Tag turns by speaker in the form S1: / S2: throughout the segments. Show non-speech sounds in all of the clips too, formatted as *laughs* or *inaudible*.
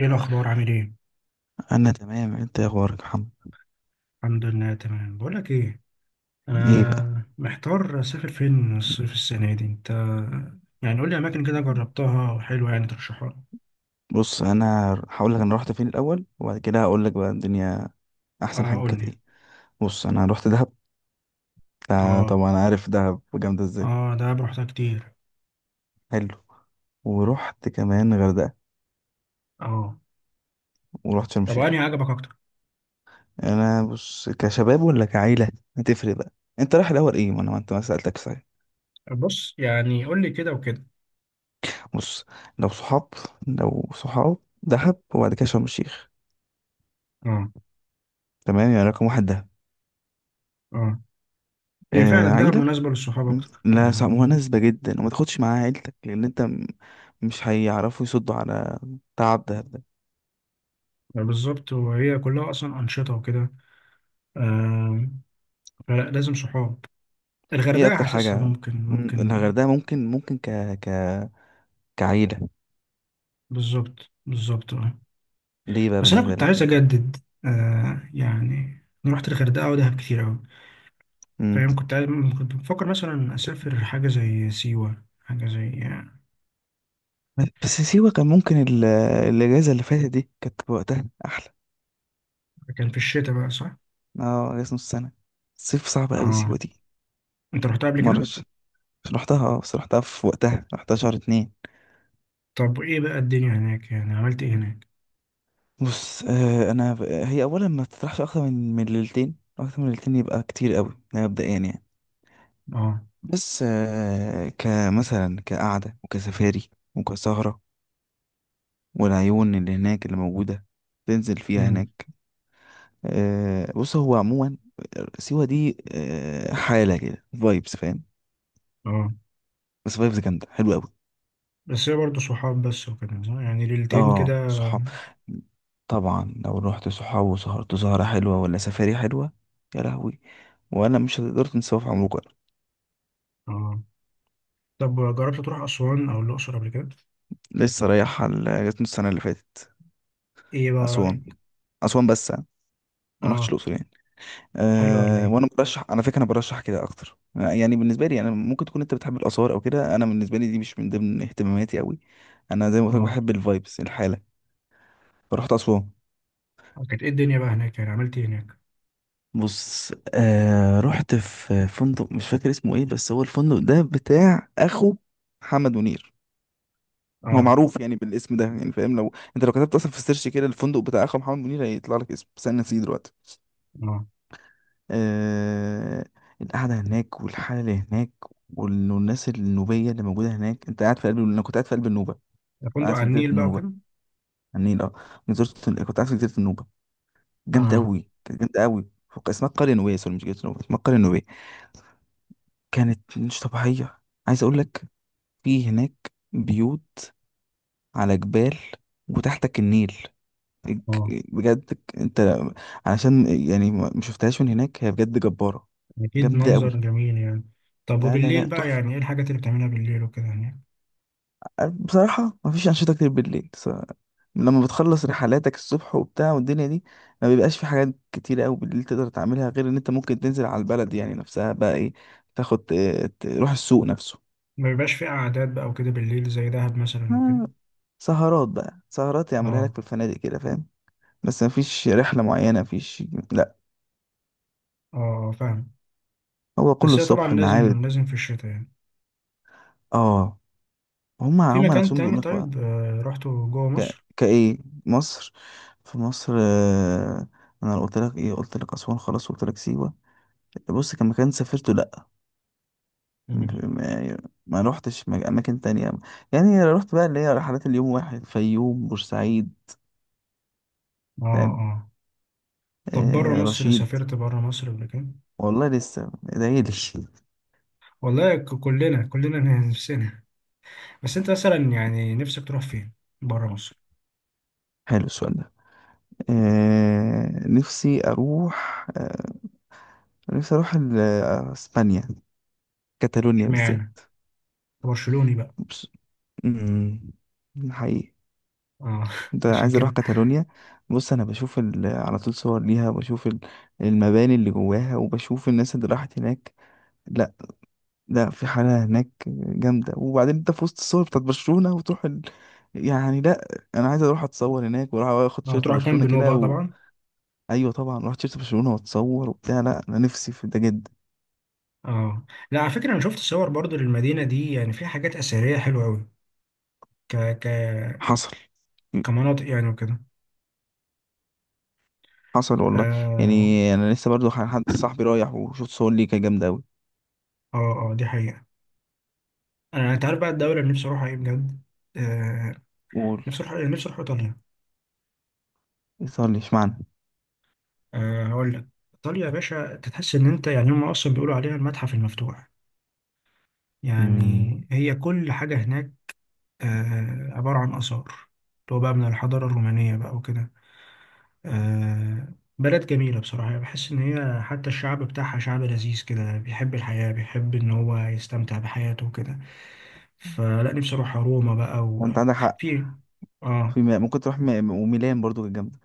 S1: ايه الاخبار؟ عامل ايه؟
S2: انا تمام. انت يا اخبارك يا محمد؟
S1: الحمد لله، تمام. بقول لك ايه،
S2: ايه بقى؟
S1: انا محتار اسافر فين الصيف السنه دي؟ انت يعني قول لي اماكن كده جربتها وحلوه، يعني ترشحها لي.
S2: بص، انا هقول لك انا رحت فين الاول وبعد كده هقول لك بقى الدنيا، احسن
S1: اه،
S2: حاجه
S1: قول
S2: كانت
S1: لي.
S2: ايه. بص انا رحت دهب. آه،
S1: اه.
S2: طبعا عارف دهب جامده ازاي.
S1: اه، ده رحتها كتير.
S2: حلو. ورحت كمان غردقه،
S1: اه.
S2: ورحت شرم
S1: طب
S2: الشيخ.
S1: انهي عجبك اكتر؟
S2: انا بص، كشباب ولا كعيله؟ هتفرق بقى. انت رايح الاول ايه؟ ما انا ما انت ما سالتك صحيح.
S1: بص، يعني قول لي كده وكده.
S2: بص، لو صحاب، لو صحاب دهب وبعد كده شرم الشيخ.
S1: اه.
S2: تمام، يعني رقم واحد دهب.
S1: اه. هي فعلا
S2: آه،
S1: دهب
S2: عيله.
S1: مناسبه للصحاب
S2: مم.
S1: اكتر
S2: لا، صعب،
S1: يعني.
S2: مناسبة جدا، وما تاخدش معاها عيلتك، لأن أنت مش هيعرفوا يصدوا على تعب ده
S1: بالظبط، وهي كلها اصلا انشطه وكده. آه. فلازم صحاب.
S2: إيه
S1: الغردقه
S2: أكتر
S1: حاسسها
S2: حاجة؟
S1: ممكن،
S2: مم،
S1: ممكن.
S2: الغردقة ممكن ك ك كعيلة
S1: بالظبط، بالظبط.
S2: ليه بقى
S1: بس انا
S2: بالنسبة
S1: كنت
S2: لك
S1: عايز
S2: ممكن؟
S1: اجدد. آه، يعني انا رحت الغردقه ودهب كتير قوي.
S2: مم.
S1: فاهم. كنت عايز، كنت بفكر مثلا اسافر حاجه زي سيوه، حاجه زي
S2: بس سيوة كان ممكن الأجازة اللي فاتت دي كانت وقتها أحلى.
S1: كان في الشتاء بقى، صح؟
S2: اه، أجازة نص سنة. الصيف صعب أوي
S1: اه.
S2: سيوة دي.
S1: انت رحتها قبل كده؟
S2: مرش، رحتها، اه بس رحتها في وقتها، رحتها شهر اتنين.
S1: طب ايه بقى الدنيا هناك، يعني عملت ايه هناك؟
S2: بص، انا ب... آه، هي اولا ما تطرحش اكتر من ليلتين، اكتر من ليلتين يبقى كتير قوي، ده مبدئيا يعني.
S1: اه.
S2: بس كمثلا كقعده وكسفاري وكسهره، والعيون اللي هناك اللي موجوده تنزل فيها
S1: امم.
S2: هناك. آه، بص، هو عموما سيوه دي حاله كده، فايبس، فاهم؟
S1: اه.
S2: بس فايبس جامده، حلوه قوي.
S1: بس هي برضه صحاب بس وكده، صح؟ يعني ليلتين
S2: اه،
S1: كده.
S2: صحاب. طبعا لو رحت صحاب وسهرت سهره حلوه ولا سفاري حلوه، يا لهوي، ولا مش هتقدر تنساه في عمرك.
S1: اه. طب جربت تروح اسوان او الاقصر قبل كده؟
S2: لسه رايح جاتني السنة اللي فاتت.
S1: ايه بقى رايك؟
S2: أسوان. أسوان بس يعني، ما رحتش
S1: اه.
S2: الأقصر يعني.
S1: حلو ولا
S2: أه،
S1: ايه؟
S2: وأنا برشح، على فكرة أنا برشح كده أكتر، يعني بالنسبة لي. أنا ممكن تكون أنت بتحب الآثار أو كده، أنا بالنسبة لي دي مش من ضمن اهتماماتي أوي. أنا زي ما قلت لك
S1: اه.
S2: بحب الفايبس، الحالة. فرحت أسوان.
S1: كانت ايه الدنيا بقى هناك، يعني عملت ايه هناك؟
S2: بص، أه رحت في فندق مش فاكر اسمه إيه، بس هو الفندق ده بتاع أخو محمد منير. هو
S1: اه.
S2: معروف يعني بالاسم ده، يعني فاهم، لو انت لو كتبت اصلا في السيرش كده الفندق بتاع اخو محمد منير هيطلع لك اسم، بس انا نسيه دلوقتي.
S1: اه،
S2: آه، القعدة هناك والحالة اللي هناك والناس النوبية اللي موجودة هناك، أنت قاعد في قلب، أنا كنت قاعد في قلب النوبة.
S1: ده فندق
S2: قاعد
S1: على
S2: في جزيرة
S1: النيل بقى
S2: النوبة،
S1: وكده؟
S2: على النيل. أه، أنا زرت، كنت قاعد في جزيرة النوبة، جامدة
S1: اه.
S2: أوي، كانت جامدة أوي اسمها القرية النوبية، سوري مش جزيرة النوبة، اسمها القرية النوبية. كانت مش طبيعية، عايز أقول لك. في هناك بيوت على جبال وتحتك النيل الج-
S1: اه.
S2: بجد أنت علشان يعني ما شفتهاش من هناك، هي بجد جبارة.
S1: أكيد
S2: جامدة
S1: منظر
S2: أوي.
S1: جميل يعني. طب
S2: لا لا لا،
S1: وبالليل بقى
S2: تحفة.
S1: يعني، إيه الحاجات اللي بتعملها بالليل وكده يعني؟
S2: بصراحة مفيش أنشطة كتير بالليل. لما بتخلص رحلاتك الصبح وبتاع والدنيا دي، ما بيبقاش في حاجات كتيرة أوي بالليل تقدر تعملها، غير إن أنت ممكن تنزل على البلد يعني نفسها بقى، إيه، تاخد تروح السوق نفسه.
S1: ما بيبقاش في قعدات بقى وكده بالليل زي دهب مثلا وكده؟
S2: آه، سهرات بقى، سهرات يعملها لك
S1: آه.
S2: في الفنادق كده، فاهم. بس مفيش رحلة معينة، مفيش. لأ.
S1: آه، فاهم.
S2: هو كله
S1: بس هي طبعا
S2: الصبح المعابد.
S1: لازم، لازم في الشتاء يعني.
S2: آه، هما
S1: في
S2: هما
S1: مكان
S2: نفسهم
S1: تاني
S2: بيقولوا لك بقى.
S1: طيب، رحته جوه مصر؟
S2: كإيه؟ مصر. في مصر، آه، أنا قلت لك إيه، قلت لك أسوان، خلاص قلت لك سيوة. بص، كان مكان سافرته، لأ
S1: امم.
S2: ما, ما روحتش أماكن تانية. يعني رحت بقى اللي هي رحلات اليوم واحد، فيوم بورسعيد،
S1: آه.
S2: فاهم.
S1: آه. طب بره
S2: آه،
S1: مصر،
S2: رشيد.
S1: سافرت بره مصر قبل كده؟
S2: والله لسه، ادعيلي *laughs*
S1: والله، كلنا كلنا *laughs* نفسنا. بس أنت مثلا يعني نفسك تروح فين؟ بره مصر.
S2: حلو السؤال ده. آه، نفسي أروح، آه نفسي أروح إسبانيا. كاتالونيا
S1: اشمعنى أنت؟
S2: بالذات.
S1: برشلوني بقى؟
S2: بص- مم، حقيقي.
S1: آه،
S2: انت
S1: *laughs* عشان
S2: عايز اروح
S1: كده.
S2: كاتالونيا. بص، انا بشوف على طول صور ليها، وبشوف المباني اللي جواها، وبشوف الناس اللي راحت هناك. لا، لا، في حالة هناك جامدة، وبعدين انت في وسط الصور بتاعت برشلونة وتروح ال... يعني لا، انا عايز اروح اتصور هناك واروح اخد
S1: اه،
S2: شيرت
S1: تروح
S2: برشلونة
S1: كامب نو
S2: كده
S1: بقى
S2: و...
S1: طبعا.
S2: ايوه طبعا، رحت شيرت برشلونة واتصور وبتاع، لا انا نفسي في ده جدا.
S1: اه. لا، على فكره انا شفت صور برضو للمدينه دي، يعني فيها حاجات اثريه حلوه قوي. ك ك
S2: حصل.
S1: كمناطق يعني وكده.
S2: حصل والله.
S1: اه.
S2: يعني انا لسه برضو حد صاحبي رايح وشوت صور ليه، كانت جامدة اوي.
S1: اه. آه، دي حقيقه. انت عارف بقى الدوله اللي نفسي اروحها ايه بجد؟ آه.
S2: قول.
S1: نفسي اروح، نفسي اروح ايطاليا.
S2: صور لي اشمعنى.
S1: آه، هقول لك. ايطاليا يا باشا، انت تحس ان انت، يعني هم اصلا بيقولوا عليها المتحف المفتوح. يعني
S2: امم.
S1: هي كل حاجه هناك آه، عباره عن اثار، اللي هو بقى من الحضاره الرومانيه بقى وكده. آه. بلد جميلة بصراحة، يعني بحس إن هي حتى الشعب بتاعها شعب لذيذ كده، بيحب الحياة، بيحب إن هو يستمتع بحياته وكده. فلا، نفسي أروح روما بقى،
S2: ما انت عندك حق.
S1: وفي آه.
S2: في ممكن تروح وميلان برضو كانت جامدة.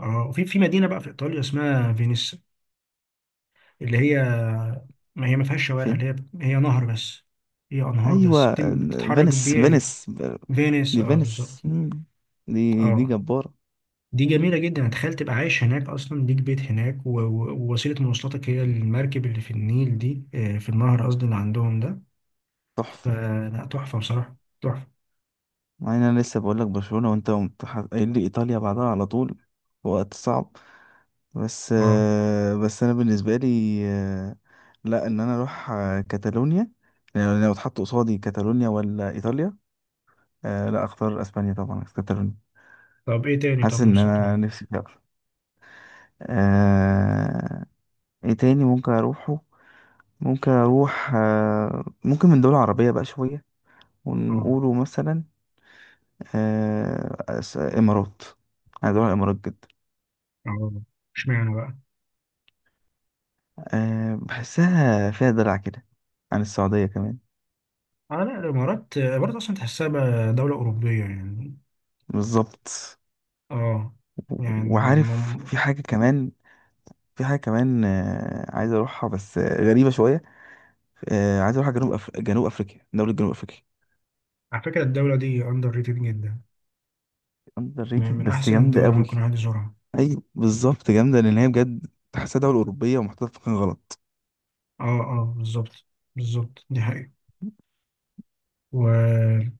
S1: آه، وفي في مدينة بقى في إيطاليا اسمها فينيس، اللي هي، ما هي ما فيهاش شوارع، اللي
S2: فين؟
S1: هي نهر بس. هي أنهار بس
S2: ايوه،
S1: بتتحرك
S2: فينيس،
S1: بيه.
S2: فينيس.
S1: فينيس،
S2: دي
S1: آه
S2: فينيس.
S1: بالظبط.
S2: مم. دي
S1: آه.
S2: جبارة.
S1: دي جميلة جدا، تخيل تبقى عايش هناك أصلا، ليك بيت هناك ووسيلة مواصلاتك هي المركب اللي في النيل دي، آه، في النهر قصدي اللي عندهم ده.
S2: تحفة.
S1: فلا، تحفة بصراحة، تحفة.
S2: مع ان انا لسه بقول لك برشلونة وانت قمت قايل لي ايطاليا بعدها على طول، في وقت صعب. بس
S1: اه.
S2: آه، بس انا بالنسبة لي، آه، لا، ان انا اروح، آه، كاتالونيا. يعني لو اتحط قصادي كاتالونيا ولا ايطاليا، آه لا، اختار اسبانيا، طبعا كاتالونيا.
S1: طب ايه تاني؟
S2: حاسس
S1: طب
S2: ان
S1: نفسك تروح؟
S2: انا نفسي فيها أكتر. آه، ايه تاني ممكن اروحه. ممكن اروح آه، ممكن من دول عربية بقى شوية،
S1: اه.
S2: ونقوله مثلا، آه، امارات. عايز اروح الامارات جدا.
S1: اه. اشمعنى بقى؟
S2: أه، بحسها فيها دلع كده عن السعودية كمان.
S1: اه، لا الإمارات، آه، الإمارات أصلا تحسها بقى دولة أوروبية يعني.
S2: بالظبط.
S1: اه.
S2: و-
S1: يعني
S2: وعارف في حاجة كمان، في حاجة كمان عايز أروحها، بس غريبة شوية، عايز أروح جنوب أفريقيا، دولة جنوب أفريقيا.
S1: على فكرة الدولة دي أندر ريتد جدا،
S2: أندر
S1: من
S2: ريتد،
S1: من
S2: بس
S1: أحسن
S2: جامدة
S1: الدول اللي
S2: قوي.
S1: ممكن الواحد يزورها.
S2: أي بالظبط، جامدة، لأن هي بجد تحسها دولة أوروبية ومحطوطة في مكان غلط.
S1: اه. اه. بالظبط، بالظبط، دي حقيقة و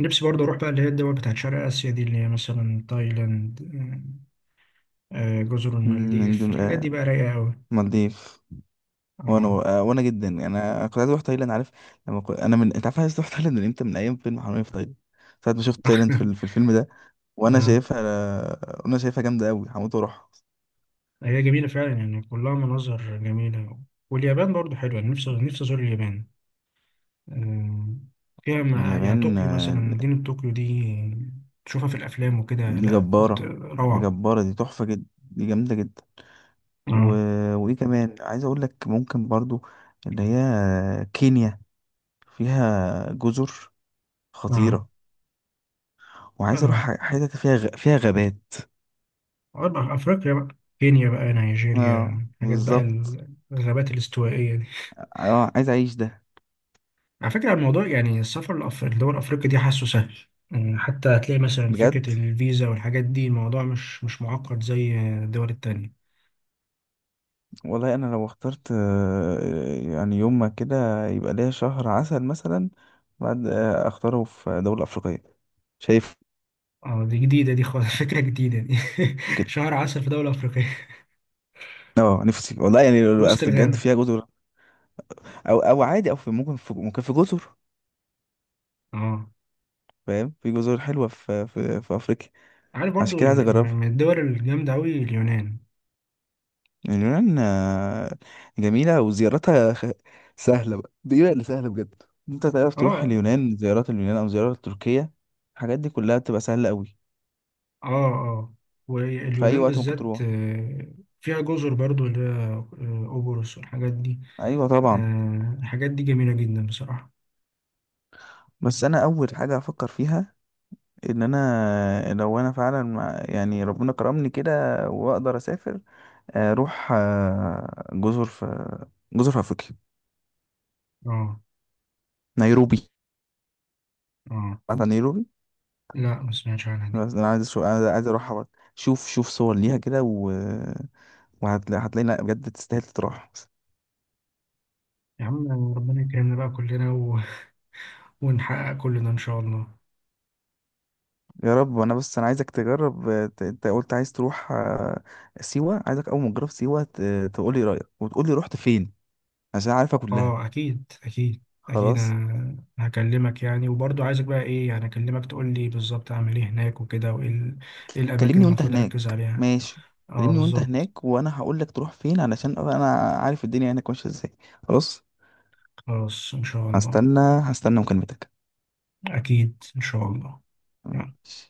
S1: نفسي برضه أروح بقى اللي هي الدول بتاعت شرق آسيا دي، اللي هي مثلا تايلاند، جزر
S2: مم،
S1: المالديف،
S2: إندون...
S1: الحاجات دي
S2: آه،
S1: بقى رايقة أوي.
S2: مالديف. وأنا،
S1: اه.
S2: آه، وأنا جدا أنا كنت عايز أروح تايلاند، عارف، لما كنت... أنا من أنت عارف أنا عايز أروح تايلاند من إمتى، من أيام فيلم حرامية في تايلاند. ساعة ما شفت تايلاند
S1: *laughs*
S2: في الفيلم ده، وانا
S1: اه.
S2: شايفها، وانا شايفها جامده قوي، هموت واروح.
S1: هي جميلة فعلا يعني، كلها مناظر جميلة. واليابان برضه حلوة، أنا نفسي أزور اليابان. آه. فيها يعني
S2: اليابان،
S1: طوكيو مثلا، مدينة طوكيو دي تشوفها في الأفلام وكده،
S2: دي
S1: لا
S2: جباره، دي
S1: روعة.
S2: جباره، دي تحفه جدا، دي جامده جدا. و...
S1: اه.
S2: وايه كمان، عايز اقول لك ممكن برضو اللي هي كينيا، فيها جزر
S1: اه.
S2: خطيره، وعايز اروح
S1: اه.
S2: حتت فيها فيها غابات.
S1: أربع أفريقيا بقى، كينيا بقى،
S2: اه
S1: نيجيريا، حاجات بقى.
S2: بالظبط.
S1: الغابات الاستوائية دي.
S2: اه، عايز اعيش ده
S1: على فكرة، الموضوع يعني السفر لدول أفريقيا دي حاسه سهل. يعني حتى هتلاقي مثلا
S2: بجد.
S1: فكرة الفيزا والحاجات دي، الموضوع مش معقد زي الدول التانية.
S2: والله انا لو اخترت، يعني يوم ما كده يبقى ليا شهر عسل مثلا، بعد، اختاره في دولة افريقية، شايف.
S1: اه، دي جديدة دي خالص *laughs* فكرة جديدة دي. *laughs*
S2: كده.
S1: شهر عسل في دولة أفريقية.
S2: اه، نفسي والله، يعني
S1: *laughs* وسط
S2: اصل بجد
S1: الغابة.
S2: فيها جزر. او، عادي، او في ممكن، في جزر،
S1: اه،
S2: فاهم، في جزر حلوة، في افريقيا.
S1: عارف
S2: عشان
S1: برضو
S2: كده عايز اجربها.
S1: من الدول الجامدة أوي اليونان.
S2: اليونان، جميلة، وزيارتها سهلة بقى، دي بقى اللي سهلة بجد. انت تعرف تروح
S1: اه.
S2: اليونان، زيارات اليونان او زيارات تركيا، الحاجات دي كلها بتبقى سهلة قوي.
S1: اه. اه.
S2: في اي
S1: واليونان
S2: وقت ممكن
S1: بالذات
S2: تروح.
S1: آه، فيها جزر برضو اللي هي آه، قبرص والحاجات دي.
S2: ايوه طبعا.
S1: آه، الحاجات دي جميلة جدا بصراحة.
S2: بس انا اول حاجه افكر فيها ان انا، لو انا فعلا يعني ربنا كرمني كده واقدر اسافر، اروح، جزر في، جزر في افريقيا.
S1: اه.
S2: نيروبي.
S1: اه.
S2: عارف نيروبي؟
S1: لا، ما سمعتش عنها دي.
S2: بس انا عايز عايز اروح، شوف شوف صور ليها كده و... وهتلاقي، هتلاقي، لا بجد تستاهل تروح.
S1: يا عم، ربنا يكرمنا بقى كلنا ونحقق كلنا ان شاء الله.
S2: يا رب. انا عايزك تجرب، انت قلت عايز تروح، سيوه، عايزك اول ما تجرب سيوه تقولي رايك، وتقولي رحت فين، عشان عارفه كلها.
S1: اه، اكيد اكيد. اكيد،
S2: خلاص.
S1: انا هكلمك يعني، وبرضه عايزك بقى ايه، يعني اكلمك تقول لي بالظبط اعمل ايه هناك وكده، وايه إيه الاماكن
S2: كلمني
S1: اللي
S2: وانت
S1: المفروض
S2: هناك.
S1: اركز عليها؟
S2: ماشي.
S1: اه،
S2: كلمني وانت
S1: بالظبط.
S2: هناك، وانا هقول لك تروح فين علشان ابقى انا عارف الدنيا هناك ماشيه ازاي. خلاص.
S1: خلاص، ان شاء الله.
S2: هستنى، هستنى مكالمتك.
S1: اكيد، ان شاء الله.
S2: ماشي.